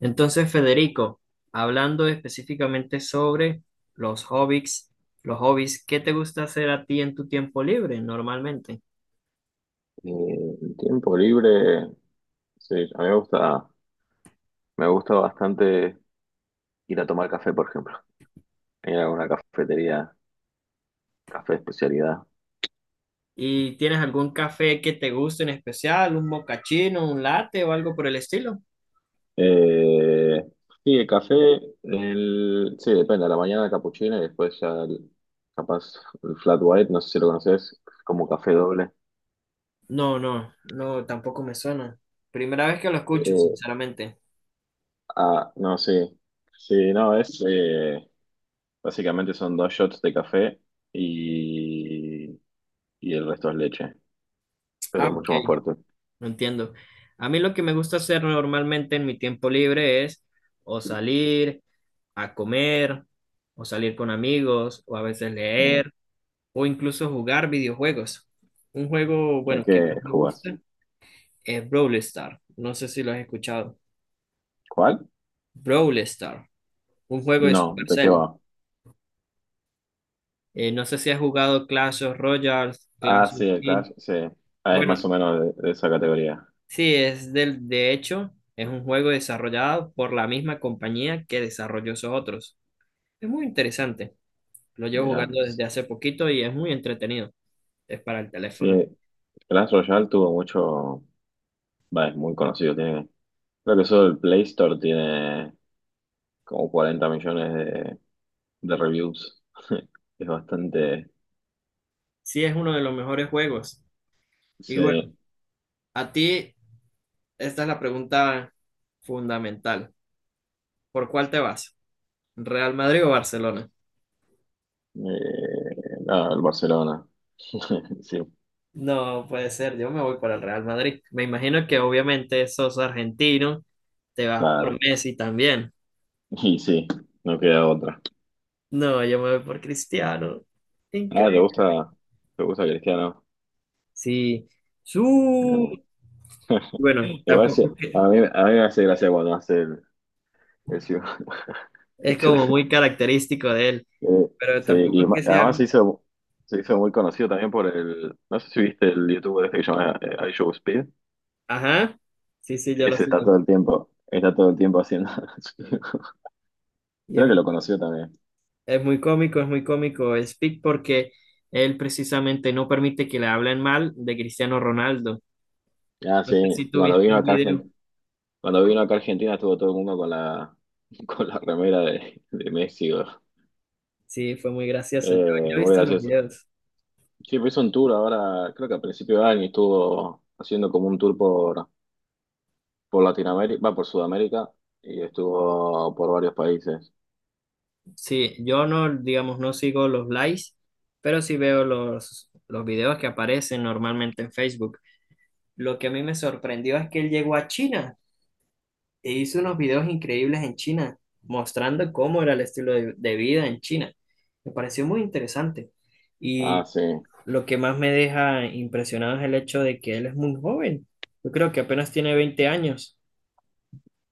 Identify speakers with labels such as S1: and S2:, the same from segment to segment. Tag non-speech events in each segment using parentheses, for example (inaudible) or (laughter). S1: Entonces, Federico, hablando específicamente sobre los hobbies, ¿qué te gusta hacer a ti en tu tiempo libre normalmente?
S2: Eh, el tiempo libre, sí, a mí me gusta bastante ir a tomar café, por ejemplo, ir a una cafetería, café de especialidad.
S1: ¿Y tienes algún café que te guste en especial, un mocachino, un latte o algo por el estilo?
S2: Eh, sí, el café, el, sí, depende, a la mañana el capuchino y después ya el- capaz el flat white, no sé si lo conoces, como café doble.
S1: No, no, no, tampoco me suena. Primera vez que lo escucho,
S2: Eh,
S1: sinceramente.
S2: no, sí, sí, no, es, básicamente son dos shots de café y, y el resto es leche, pero
S1: Ah,
S2: es
S1: ok,
S2: mucho más fuerte.
S1: no entiendo. A mí lo que me gusta hacer normalmente en mi tiempo libre es o salir a comer, o salir con amigos, o a veces
S2: Mm.
S1: leer o incluso jugar videojuegos. Un juego,
S2: ¿De
S1: bueno, que
S2: qué
S1: más me
S2: jugás?
S1: gusta es Brawl Stars. No sé si lo has escuchado.
S2: ¿Cuál?
S1: Brawl Stars, un juego de
S2: No, ¿de qué
S1: Supercell.
S2: va?
S1: No sé si has jugado Clash of Royale,
S2: Ah,
S1: Clash of
S2: sí, el
S1: Kings.
S2: Clash, sí. Ah, es
S1: Bueno,
S2: más o menos de esa categoría.
S1: sí, es del, de hecho, es un juego desarrollado por la misma compañía que desarrolló esos otros. Es muy interesante. Lo llevo
S2: Mirá.
S1: jugando desde hace poquito y es muy entretenido. Es para el
S2: Sí,
S1: teléfono.
S2: Clash Royale tuvo mucho. Va, es muy conocido. Tiene, creo que solo el Play Store tiene como 40 millones de reviews. (laughs) Es bastante.
S1: Sí, es uno de los mejores juegos. Y
S2: Sí.
S1: bueno, a ti esta es la pregunta fundamental. ¿Por cuál te vas? ¿Real Madrid o Barcelona?
S2: El Barcelona. (laughs) Sí,
S1: No puede ser, yo me voy para el Real Madrid. Me imagino que obviamente sos argentino, te vas por
S2: claro.
S1: Messi también.
S2: Y sí, no queda otra.
S1: No, yo me voy por Cristiano.
S2: Ah,
S1: Increíble.
S2: te gusta Cristiano?
S1: Sí. Su...
S2: No.
S1: Bueno,
S2: Igual
S1: tampoco es
S2: se-
S1: que
S2: a mí me hace gracia cuando hace el ciu-
S1: es como muy
S2: (laughs)
S1: característico de él,
S2: Yo- eh,
S1: pero
S2: sí,
S1: tampoco
S2: y
S1: es
S2: ma-
S1: que sea...
S2: además se hizo muy conocido también por el, no sé si viste el youtuber este que se llama I Show Speed,
S1: Ajá. Sí, sí, yo lo
S2: ese está
S1: sigo.
S2: todo el tiempo, está todo el tiempo haciendo, (laughs)
S1: Y es
S2: creo que lo conoció también.
S1: Es muy cómico, es muy cómico Speak porque él precisamente no permite que le hablen mal de Cristiano Ronaldo.
S2: Ah,
S1: No
S2: sí,
S1: sé si
S2: y
S1: tú viste un video.
S2: Cuando vino acá a Argentina estuvo todo el mundo con la (laughs) con la remera de Messi, bro.
S1: Sí, fue muy gracioso. Yo he
S2: Muy
S1: visto los
S2: gracioso.
S1: videos.
S2: Sí, pues hizo un tour ahora, creo que a principio de año estuvo haciendo como un tour por Latinoamérica, va por Sudamérica y estuvo por varios países.
S1: Sí, yo no, digamos, no sigo los likes, pero sí veo los videos que aparecen normalmente en Facebook. Lo que a mí me sorprendió es que él llegó a China e hizo unos videos increíbles en China, mostrando cómo era el estilo de vida en China. Me pareció muy interesante.
S2: Ah,
S1: Y
S2: sí.
S1: lo que más me deja impresionado es el hecho de que él es muy joven. Yo creo que apenas tiene 20 años.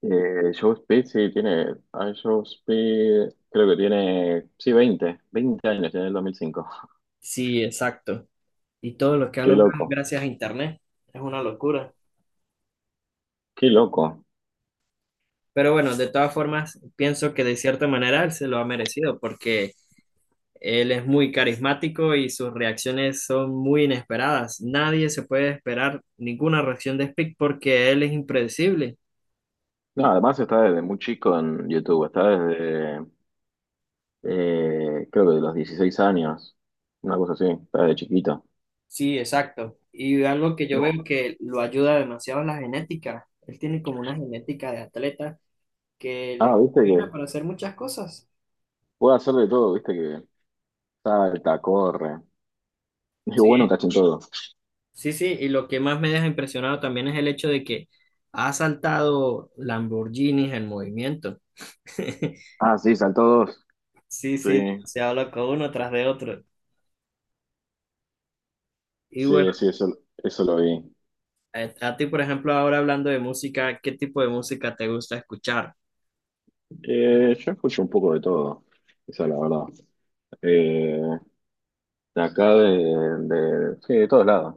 S2: Joe Speed, creo que tiene. Sí, 20 años, tiene el 2005.
S1: Sí, exacto. Y todo lo que ha
S2: Qué
S1: logrado
S2: loco,
S1: gracias a Internet es una locura.
S2: qué loco.
S1: Pero bueno, de todas formas, pienso que de cierta manera él se lo ha merecido porque él es muy carismático y sus reacciones son muy inesperadas. Nadie se puede esperar ninguna reacción de Speak porque él es impredecible.
S2: No, además está desde muy chico en YouTube. Está desde. Creo que de los 16 años. Una cosa así, está desde chiquito.
S1: Sí, exacto. Y algo que yo
S2: Uf.
S1: veo que lo ayuda demasiado es la genética. Él tiene como una genética de atleta que
S2: Ah,
S1: le
S2: viste que
S1: funciona para hacer muchas cosas.
S2: puede hacer de todo, viste que salta, corre. (laughs) Es bueno,
S1: Sí,
S2: cachin todo.
S1: sí, sí. Y lo que más me deja impresionado también es el hecho de que ha saltado Lamborghinis en movimiento. (laughs)
S2: Ah, sí, saltó dos.
S1: Sí,
S2: Sí.
S1: sí, demasiado loco uno tras de otro. Y bueno,
S2: Sí, sí, eso lo vi.
S1: a ti, por ejemplo, ahora hablando de música, ¿qué tipo de música te gusta escuchar?
S2: Yo escucho un poco de todo, esa es la verdad. Eh, de acá, de, Sí, de todos lados.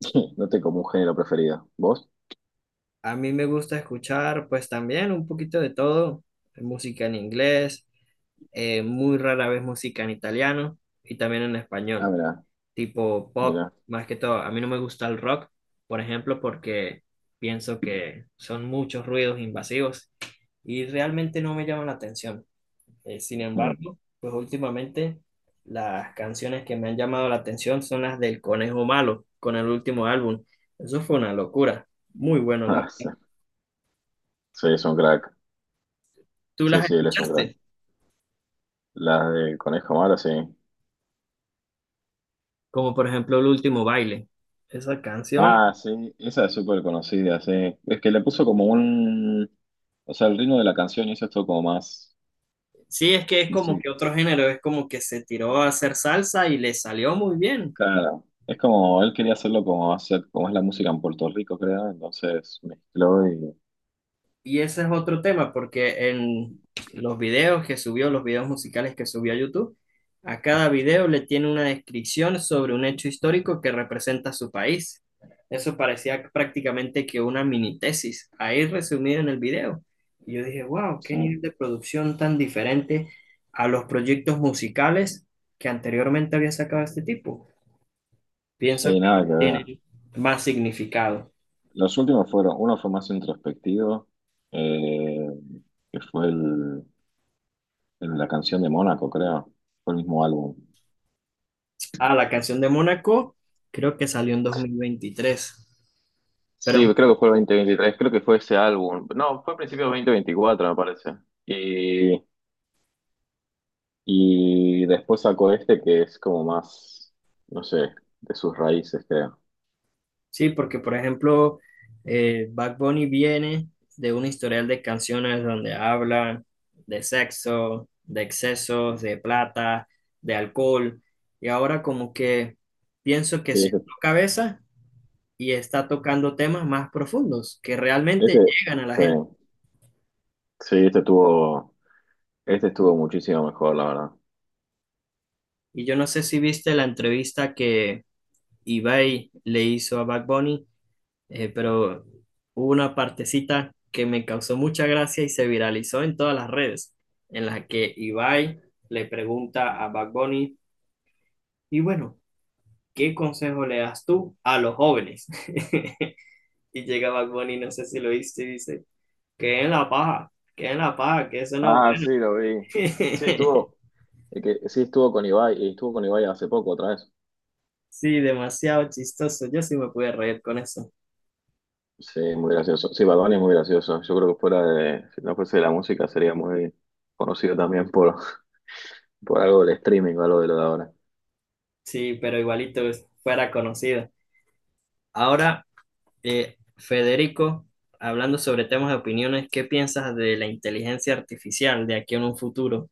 S2: (laughs) No tengo como un género preferido. ¿Vos?
S1: A mí me gusta escuchar, pues también un poquito de todo, música en inglés. Muy rara vez música en italiano y también en
S2: Ah,
S1: español,
S2: mirá,
S1: tipo pop,
S2: mirá.
S1: más que todo. A mí no me gusta el rock, por ejemplo, porque pienso que son muchos ruidos invasivos y realmente no me llaman la atención. Sin
S2: Mm.
S1: embargo, pues últimamente las canciones que me han llamado la atención son las del Conejo Malo, con el último álbum. Eso fue una locura, muy bueno, la
S2: (laughs) Ah, sí.
S1: verdad.
S2: Sí, es un crack.
S1: ¿Tú
S2: Sí,
S1: las
S2: sí, él es un crack.
S1: escuchaste?
S2: La de Conejo Malo, sí.
S1: Como por ejemplo el último baile. Esa canción
S2: Ah, sí, esa es súper conocida, sí. Es que le puso como un... O sea, el ritmo de la canción hizo esto como más,
S1: sí, es que es
S2: no
S1: como
S2: sé.
S1: que otro género, es como que se tiró a hacer salsa y le salió muy bien.
S2: Claro, es como él quería hacerlo como hacer, como es la música en Puerto Rico, creo, entonces mezcló y
S1: Y ese es otro tema, porque en los videos que subió, los videos musicales que subió a YouTube, a cada video le tiene una descripción sobre un hecho histórico que representa su país. Eso parecía prácticamente que una mini tesis, ahí resumido en el video. Y yo dije, wow, qué
S2: sí,
S1: nivel de producción tan diferente a los proyectos musicales que anteriormente había sacado este tipo. Pienso que
S2: sí, nada
S1: ahora
S2: que ver.
S1: tiene más significado.
S2: Los últimos fueron, uno fue más introspectivo, eh, que fue el, el- la canción de Mónaco, creo, fue el mismo álbum.
S1: Ah, la canción de Mónaco creo que salió en 2023. Pero
S2: Sí, creo que fue el 2023. Creo que fue ese álbum. No, fue a principios de 2024, me parece. Y, y después sacó este que es como más, no sé, de sus raíces, creo.
S1: sí, porque por ejemplo, Bad Bunny viene de un historial de canciones donde habla de sexo, de excesos, de plata, de alcohol. Y ahora como que pienso que
S2: Sí,
S1: se
S2: este,
S1: cabeza y está tocando temas más profundos que realmente
S2: este,
S1: llegan a la
S2: sí.
S1: gente.
S2: Sí, este estuvo muchísimo mejor, la verdad.
S1: Y yo no sé si viste la entrevista que Ibai le hizo a Bad Bunny, pero hubo una partecita que me causó mucha gracia y se viralizó en todas las redes, en las que Ibai le pregunta a Bad Bunny, y bueno, ¿qué consejo le das tú a los jóvenes? (laughs) Y llega Bad Bunny, no sé si lo viste, y dice, que en la paja, que en la paja, que eso no...
S2: Ah, sí, lo vi. Sí, estuvo,
S1: (laughs)
S2: sí, estuvo con Ibai, y estuvo con Ibai hace poco otra vez.
S1: Sí, demasiado chistoso, yo sí me pude reír con eso.
S2: Sí, muy gracioso. Sí, Bad Bunny es muy gracioso. Yo creo que fuera de, si no fuese de la música, sería muy conocido también por, (laughs) por algo del streaming o algo de lo de ahora.
S1: Sí, pero igualito pues, fuera conocido. Ahora Federico, hablando sobre temas de opiniones, ¿qué piensas de la inteligencia artificial de aquí en un futuro?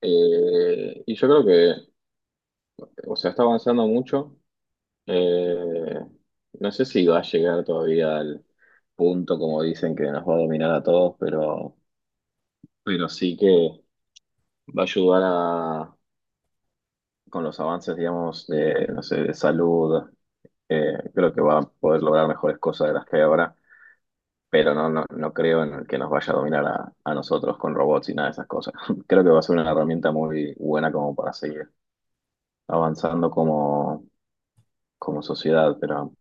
S2: Yo creo que, o sea, está avanzando mucho. Eh, no sé si va a llegar todavía al punto, como dicen, que nos va a dominar a todos, pero sí que va a ayudar a, con los avances, digamos, de, no sé, de salud. Creo que va a poder lograr mejores cosas de las que hay ahora, pero no creo en que nos vaya a dominar a nosotros con robots y nada de esas cosas. (laughs) Creo que va a ser una herramienta muy buena como para seguir avanzando como sociedad, pero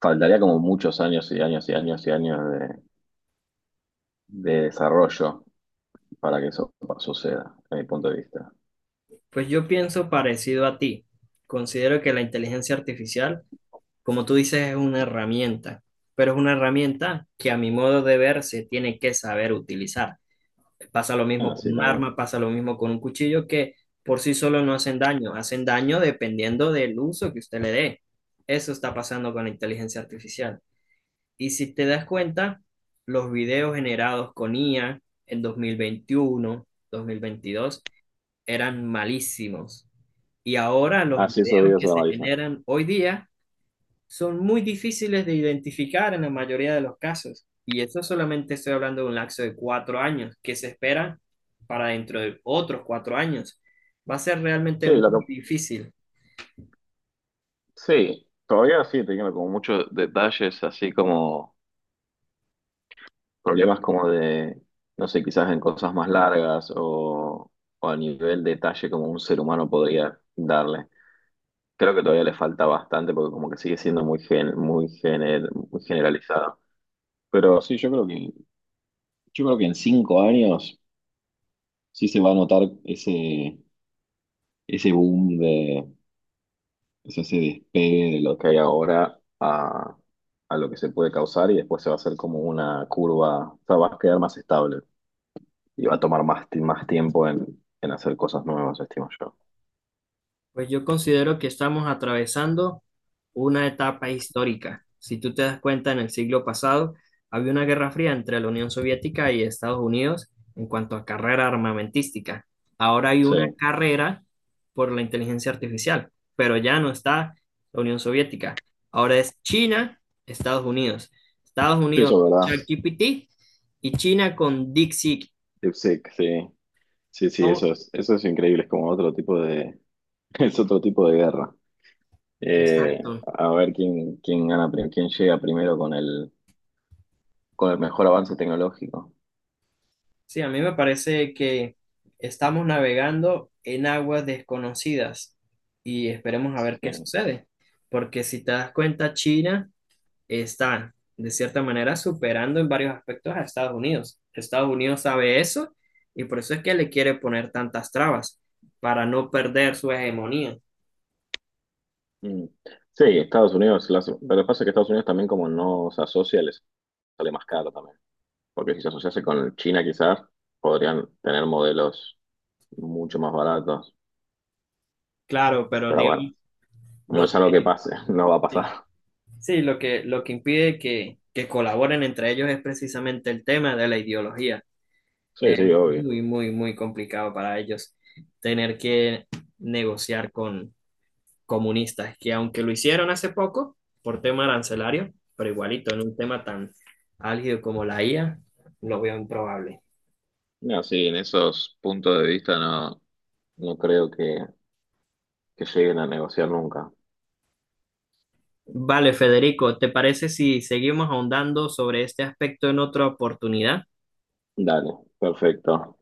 S2: faltaría como muchos años y años y años y años de desarrollo para que eso suceda, desde mi punto de vista.
S1: Pues yo pienso parecido a ti. Considero que la inteligencia artificial, como tú dices, es una herramienta, pero es una herramienta que a mi modo de ver se tiene que saber utilizar. Pasa lo mismo con
S2: Así
S1: un
S2: también.
S1: arma, pasa lo mismo con un cuchillo, que por sí solo no hacen daño, hacen daño dependiendo del uso que usted le dé. Eso está pasando con la inteligencia artificial. Y si te das cuenta, los videos generados con IA en 2021 2022 eran malísimos. Y ahora los
S2: Así esos
S1: videos
S2: videos
S1: que
S2: de la
S1: se
S2: Marisa.
S1: generan hoy día son muy difíciles de identificar en la mayoría de los casos. Y eso solamente estoy hablando de un lapso de 4 años que se espera para dentro de otros 4 años. Va a ser realmente
S2: Sí,
S1: muy
S2: lo que
S1: difícil.
S2: Sí, todavía sí, teniendo como muchos detalles, así como problemas no sé, quizás en cosas más largas o a nivel detalle como un ser humano podría darle. Creo que todavía le falta bastante porque como que sigue siendo muy gen- muy gener- muy generalizado. Pero sí, yo creo que en 5 años sí se va a notar ese boom, ese se despegue de lo que hay ahora a lo que se puede causar y después se va a hacer como una curva, o sea, va a quedar más estable y va a tomar más, ti- más tiempo en hacer cosas nuevas, estimo yo.
S1: Pues yo considero que estamos atravesando una etapa histórica. Si tú te das cuenta, en el siglo pasado había una guerra fría entre la Unión Soviética y Estados Unidos en cuanto a carrera armamentística. Ahora hay
S2: Sí,
S1: una carrera por la inteligencia artificial, pero ya no está la Unión Soviética. Ahora es China, Estados Unidos. Estados
S2: sí,
S1: Unidos
S2: eso
S1: con
S2: es verdad.
S1: ChatGPT y China con DeepSeek.
S2: DeepSeek, sí, sí, sí,
S1: No,
S2: eso es increíble, es como otro tipo de, (laughs) es otro tipo de guerra. Eh,
S1: exacto,
S2: quién gana, pri- quién llega primero con el mejor avance tecnológico.
S1: sí, a mí me parece que estamos navegando en aguas desconocidas y esperemos a ver qué
S2: Sí.
S1: sucede, porque si te das cuenta, China está de cierta manera superando en varios aspectos a Estados Unidos. Estados Unidos sabe eso y por eso es que le quiere poner tantas trabas para no perder su hegemonía.
S2: Mm. Sí, lo que pasa es que Estados Unidos también como no se asocia, les sale más caro también, porque si se asociase con China quizás podrían tener modelos mucho más baratos,
S1: Claro, pero
S2: pero bueno,
S1: digamos,
S2: no es
S1: lo
S2: algo que
S1: que,
S2: pase, (laughs) no va a
S1: sí,
S2: pasar.
S1: sí, lo que impide que colaboren entre ellos es precisamente el tema de la ideología.
S2: Sí,
S1: Es
S2: sí, obvio.
S1: muy, muy, muy complicado para ellos tener que negociar con comunistas, que aunque lo hicieron hace poco por tema arancelario, pero igualito en un tema tan álgido como la IA, lo veo improbable.
S2: No, sí, en esos puntos de vista no, no creo que lleguen a negociar nunca.
S1: Vale, Federico, ¿te parece si seguimos ahondando sobre este aspecto en otra oportunidad?
S2: Dale, perfecto.